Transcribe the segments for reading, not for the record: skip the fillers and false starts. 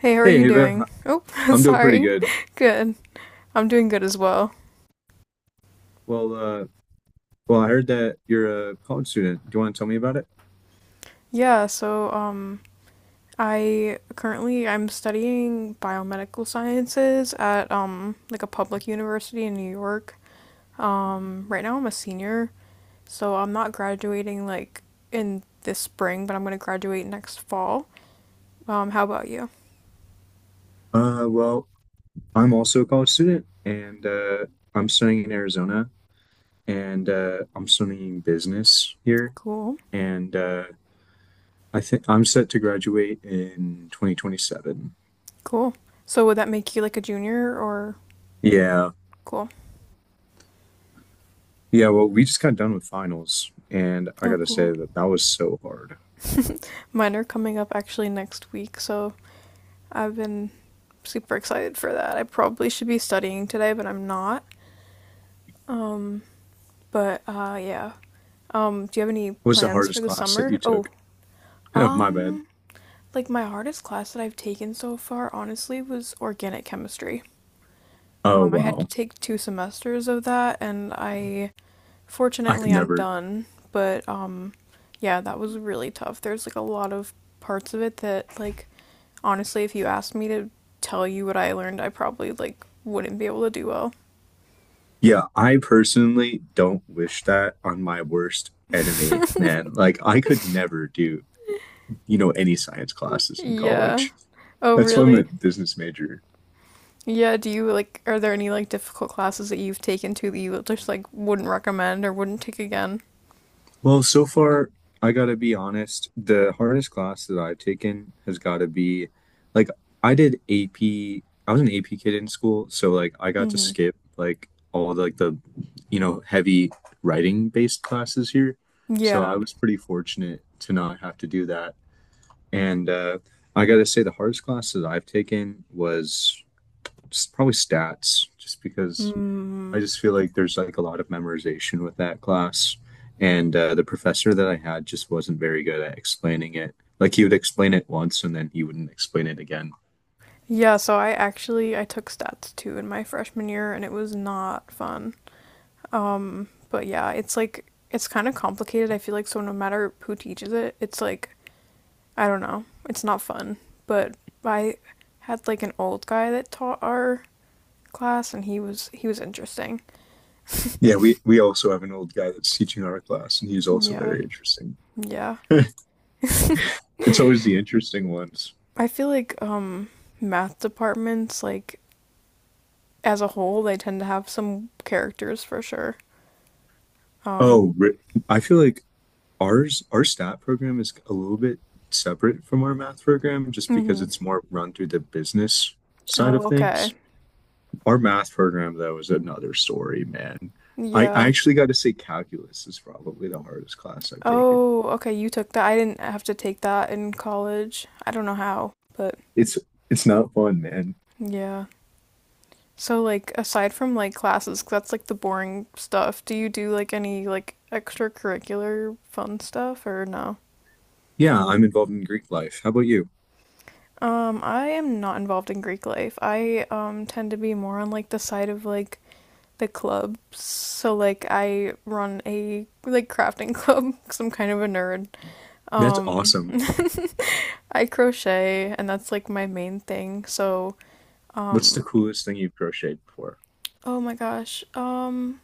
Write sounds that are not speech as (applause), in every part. Hey, how are you Hey, Ava, doing? Oh, (laughs) I'm doing pretty sorry. good. (laughs) Good. I'm doing good as well. Well, uh, well, I heard that you're a college student. Do you want to tell me about it? Yeah, so I currently I'm studying biomedical sciences at like a public university in New York. Right now I'm a senior, so I'm not graduating like in this spring, but I'm going to graduate next fall. How about you? Well, I'm also a college student, and I'm studying in Arizona, and I'm studying business here, Cool. and I think I'm set to graduate in 2027. Cool. So would that make you like a junior or Yeah, cool? yeah. Well, we just got done with finals, and I Oh, gotta say cool. that that was so hard. Mine are coming up actually next week, so I've been super excited for that. I probably should be studying today, but I'm not. Um, but yeah. Do you have any What was the plans for hardest the class that you summer? Oh, took? (laughs) Oh, my bad. um, like my hardest class that I've taken so far, honestly, was organic chemistry. Oh, I had to wow. take two semesters of that, and I I could fortunately I'm never. done. But yeah, that was really tough. There's like a lot of parts of it that, like, honestly, if you asked me to tell you what I learned, I probably like wouldn't be able to do well. Yeah, I personally don't wish that on my worst enemy, man. Like, I could never do, you know, any science classes in Yeah. college. Oh, That's why I'm a really? business major. Yeah, do you like are there any like difficult classes that you've taken to that you just like wouldn't recommend or wouldn't take again? Well, so far, I gotta be honest, the hardest class that I've taken has gotta be like I did AP. I was an AP kid in school, so like I got to Hmm. skip like all the, like the you know heavy writing based classes here. So I Yeah. was pretty fortunate to not have to do that. And I got to say, the hardest classes I've taken was probably stats, just because I Mm. just feel like there's like a lot of memorization with that class. And the professor that I had just wasn't very good at explaining it. Like he would explain it once and then he wouldn't explain it again. Yeah, so I actually I took stats too in my freshman year and it was not fun. But yeah, it's like it's kind of complicated. I feel like so no matter who teaches it, it's like I don't know. It's not fun. But I had like an old guy that taught our class and he was interesting. Yeah, we also have an old guy that's teaching our class, and he's also Yeah. very interesting. Yeah. (laughs) It's always the interesting ones. I feel like math departments like as a whole they tend to have some characters for sure. Um Oh, re- I feel like our stat program is a little bit separate from our math program just because hmm. it's more run through the business side of Oh, okay. things. Our math program though is another story, man. I Yeah. actually got to say calculus is probably the hardest class I've taken. Oh, okay, you took that. I didn't have to take that in college. I don't know how, but It's it's not fun, man. yeah. So like aside from like classes, 'cause that's like the boring stuff. Do you do like any like extracurricular fun stuff or no? Yeah, I'm involved in Greek life. How about you? I am not involved in Greek life. I tend to be more on like the side of like the club. So like I run a like crafting (laughs) club cuz I'm kind of a nerd. That's Um awesome. (laughs) I crochet and that's like my main thing. So What's um the coolest thing you've crocheted before? oh my gosh.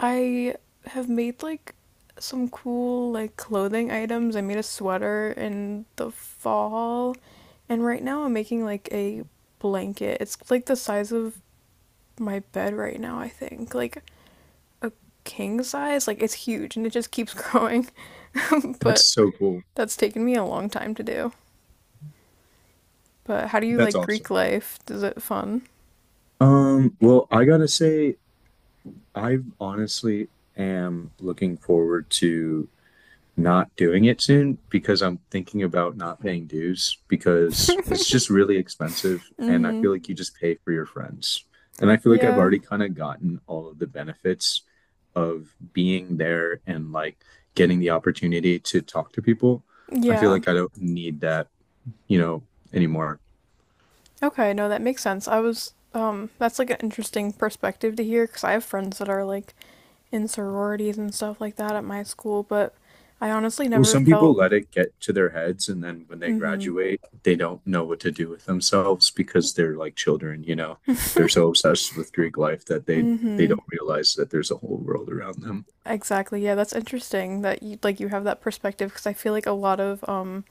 I have made like some cool like clothing items. I made a sweater in the fall and right now I'm making like a blanket. It's like the size of my bed right now, I think. Like a king size. Like it's huge and it just keeps growing. (laughs) That's But so cool. that's taken me a long time to do. But how do you That's like Greek awesome. life? Is it fun? Well, I gotta say, I honestly am looking forward to not doing it soon because I'm thinking about not paying dues because it's just really expensive and I Mm-hmm. feel like you just pay for your friends. And I feel like I've Yeah. already kind of gotten all of the benefits of being there and like getting the opportunity to talk to people. I feel Yeah. like I don't need that, you know, anymore. Okay, no, that makes sense. I was that's like an interesting perspective to hear because I have friends that are like in sororities and stuff like that at my school, but I honestly Well, never some people felt let it get to their heads, and then when they mm-hmm. graduate, they don't know what to do with themselves because they're like children, you know. They're so obsessed with Greek life that they Mm-hmm. don't realize that there's a whole world around them. Exactly. Yeah, that's interesting that you like you have that perspective because I feel like a lot of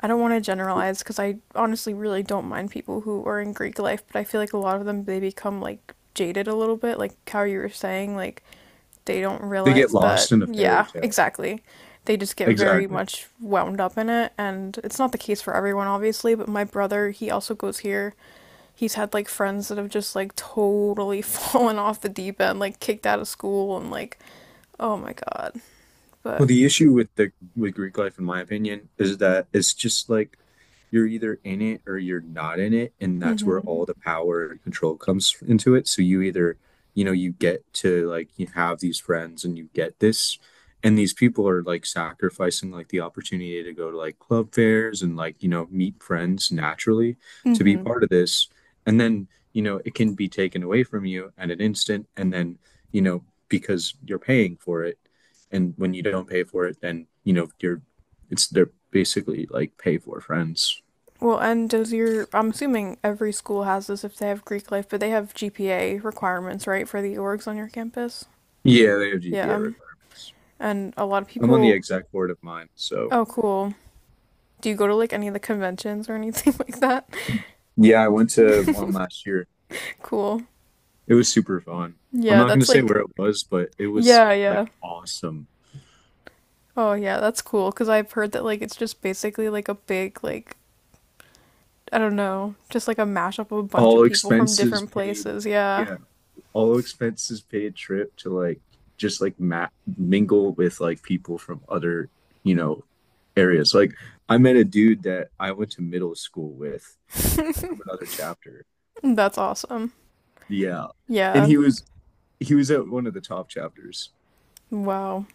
I don't want to generalize because I honestly really don't mind people who are in Greek life, but I feel like a lot of them they become like jaded a little bit, like how you were saying, like they don't They get realize lost that, in a fairy yeah, tale. exactly. They just get very Exactly. much wound up in it, and it's not the case for everyone, obviously. But my brother, he also goes here. He's had like friends that have just like totally (laughs) fallen off the deep end, like kicked out of school, and like, oh my god. Well, But, the issue with the with Greek life, in my opinion, is that it's just like you're either in it or you're not in it, and mm that's hmm, where all the power and control comes into it. So you either, you know, you get to like you have these friends and you get this, and these people are like sacrificing like the opportunity to go to like club fairs and like, you know, meet friends naturally mm to be hmm. part of this. And then, you know, it can be taken away from you at an instant, and then, you know, because you're paying for it and when you don't pay for it, then you know you're it's they're basically like pay for friends. Well, and does your, I'm assuming every school has this if they have Greek life, but they have GPA requirements, right, for the orgs on your campus? Yeah, they have Yeah. GPA requirements. And a lot of I'm on the people, exec board of mine, so oh, cool. Do you go to like any of the conventions or anything (laughs) like that? yeah, I went to one last year. Cool. It was super fun. I'm Yeah, not going to that's say like, where it was, but it was yeah, yeah. like awesome. Oh, yeah, that's cool. Because I've heard that like it's just basically like a big, like, I don't know, just like a mashup of a bunch of All people from expenses different paid. places. Yeah. Yeah, all expenses paid trip to like just like mingle with like people from other, you know, areas. Like I met a dude that I went to middle school with from another chapter. That's awesome. Yeah. And Yeah. he was at one of the top chapters. Wow.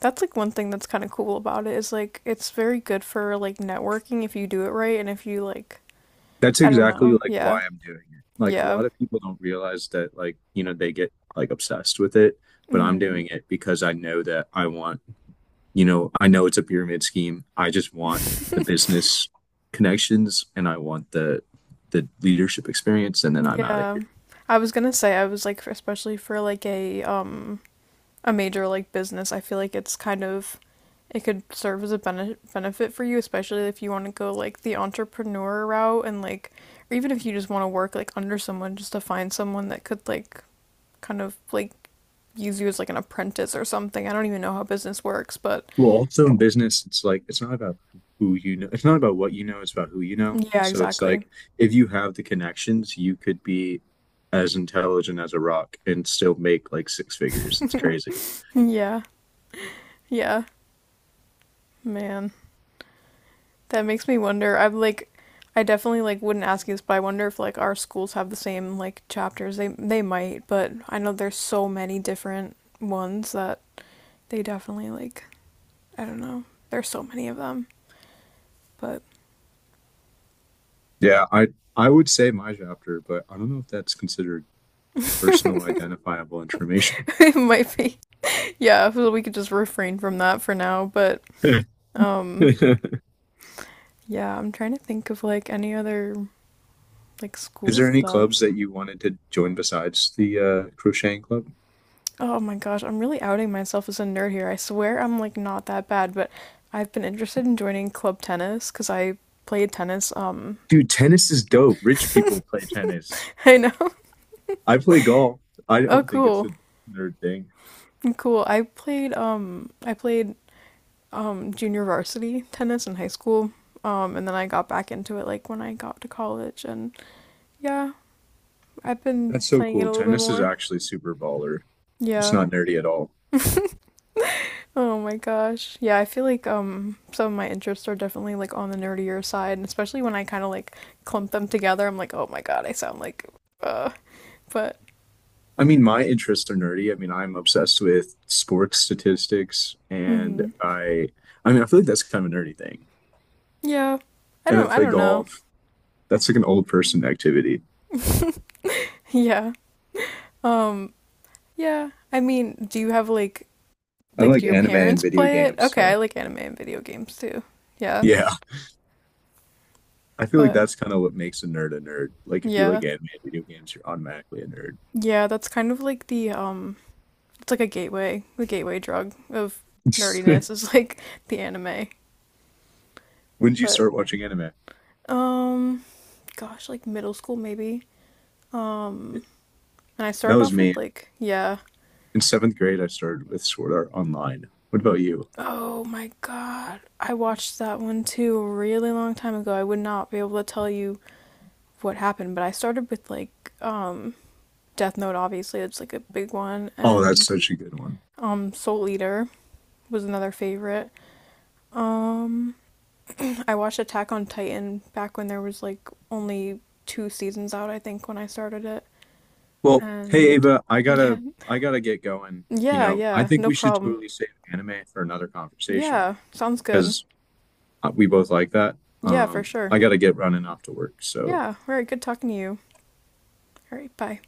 That's like one thing that's kind of cool about it is like it's very good for like networking if you do it right and if you like That's I don't exactly know. like Yeah. why I'm doing it. Like a Yeah. lot of people don't realize that like, you know, they get like obsessed with it, but I'm Hmm. doing it because I know that I want, you know, I know it's a pyramid scheme. I just want the business connections and I want the leadership experience and then I'm out of Yeah. here. I was gonna say I was like especially for like a major like business, I feel like it's kind of it could serve as a benefit for you, especially if you want to go like the entrepreneur route and like or even if you just want to work like under someone just to find someone that could like kind of like use you as like an apprentice or something. I don't even know how business works, but Well, also in business, it's like it's not about who you know. It's not about what you know. It's about who you know. yeah, So it's like exactly. if you have the connections, you could be as intelligent as a rock and still make like six figures. It's crazy. Yeah. Yeah. Man. That makes me wonder. I'm like I definitely like wouldn't ask you this, but I wonder if like our schools have the same like chapters. They might, but I know there's so many different ones that they definitely like I don't know. There's so many of them, but Yeah, I would say my chapter, but I don't know if that's considered personal identifiable information. (laughs) it might be. Yeah, so we could just refrain from that for now, but (laughs) Is yeah, I'm trying to think of like any other like school there any stuff. clubs that you wanted to join besides the crocheting club? Oh my gosh, I'm really outing myself as a nerd here. I swear I'm like not that bad, but I've been interested in joining club tennis because I played tennis. Dude, tennis is dope. Rich people play tennis. I know. (laughs) I play golf. I Oh, don't think it's cool, a nerd thing. cool. I played junior varsity tennis in high school. And then I got back into it like when I got to college, and yeah, I've been That's so playing it cool. a little bit Tennis is more. actually super baller. It's Yeah. not nerdy at all. Oh my gosh. Yeah, I feel like some of my interests are definitely like on the nerdier side, and especially when I kind of like clump them together, I'm like, "Oh my God, I sound like uh." But I mean, my interests are nerdy. I mean, I'm obsessed with sports statistics and mhm. I mean, I feel like that's kind of a nerdy thing. Yeah. I And I don't I play don't know. golf. That's like an old person activity. (laughs) Yeah. Um yeah. I mean, do you have I like do like your anime and parents video play it? games, Okay, I so like anime and video games too. Yeah. yeah. I feel like But that's kind of what makes a nerd a nerd. Like if you yeah. like anime and video games, you're automatically a Yeah, that's kind of like the it's like a gateway, the gateway drug of nerd. nerdiness (laughs) is like (laughs) the anime. When did you But start watching anime? um gosh, like middle school maybe. Yeah, Um, and I that started was off with me. like, yeah. In seventh grade, I started with Sword Art Online. What about you? Oh my God. I watched that one too a really long time ago. I would not be able to tell you what happened, but I started with like Death Note obviously, it's like a big one Oh, that's and such a good one. Soul Eater was another favorite. I watched Attack on Titan back when there was like only two seasons out, I think, when I started it. Well, hey And Ava, I (laughs) yeah. gotta I gotta get going. You Yeah, know, I yeah, think no we should problem. totally save anime for another conversation Yeah, sounds good. because we both like that. Yeah, for sure. I gotta get running off to work, so Yeah. All right. Good talking to you. All right. Bye.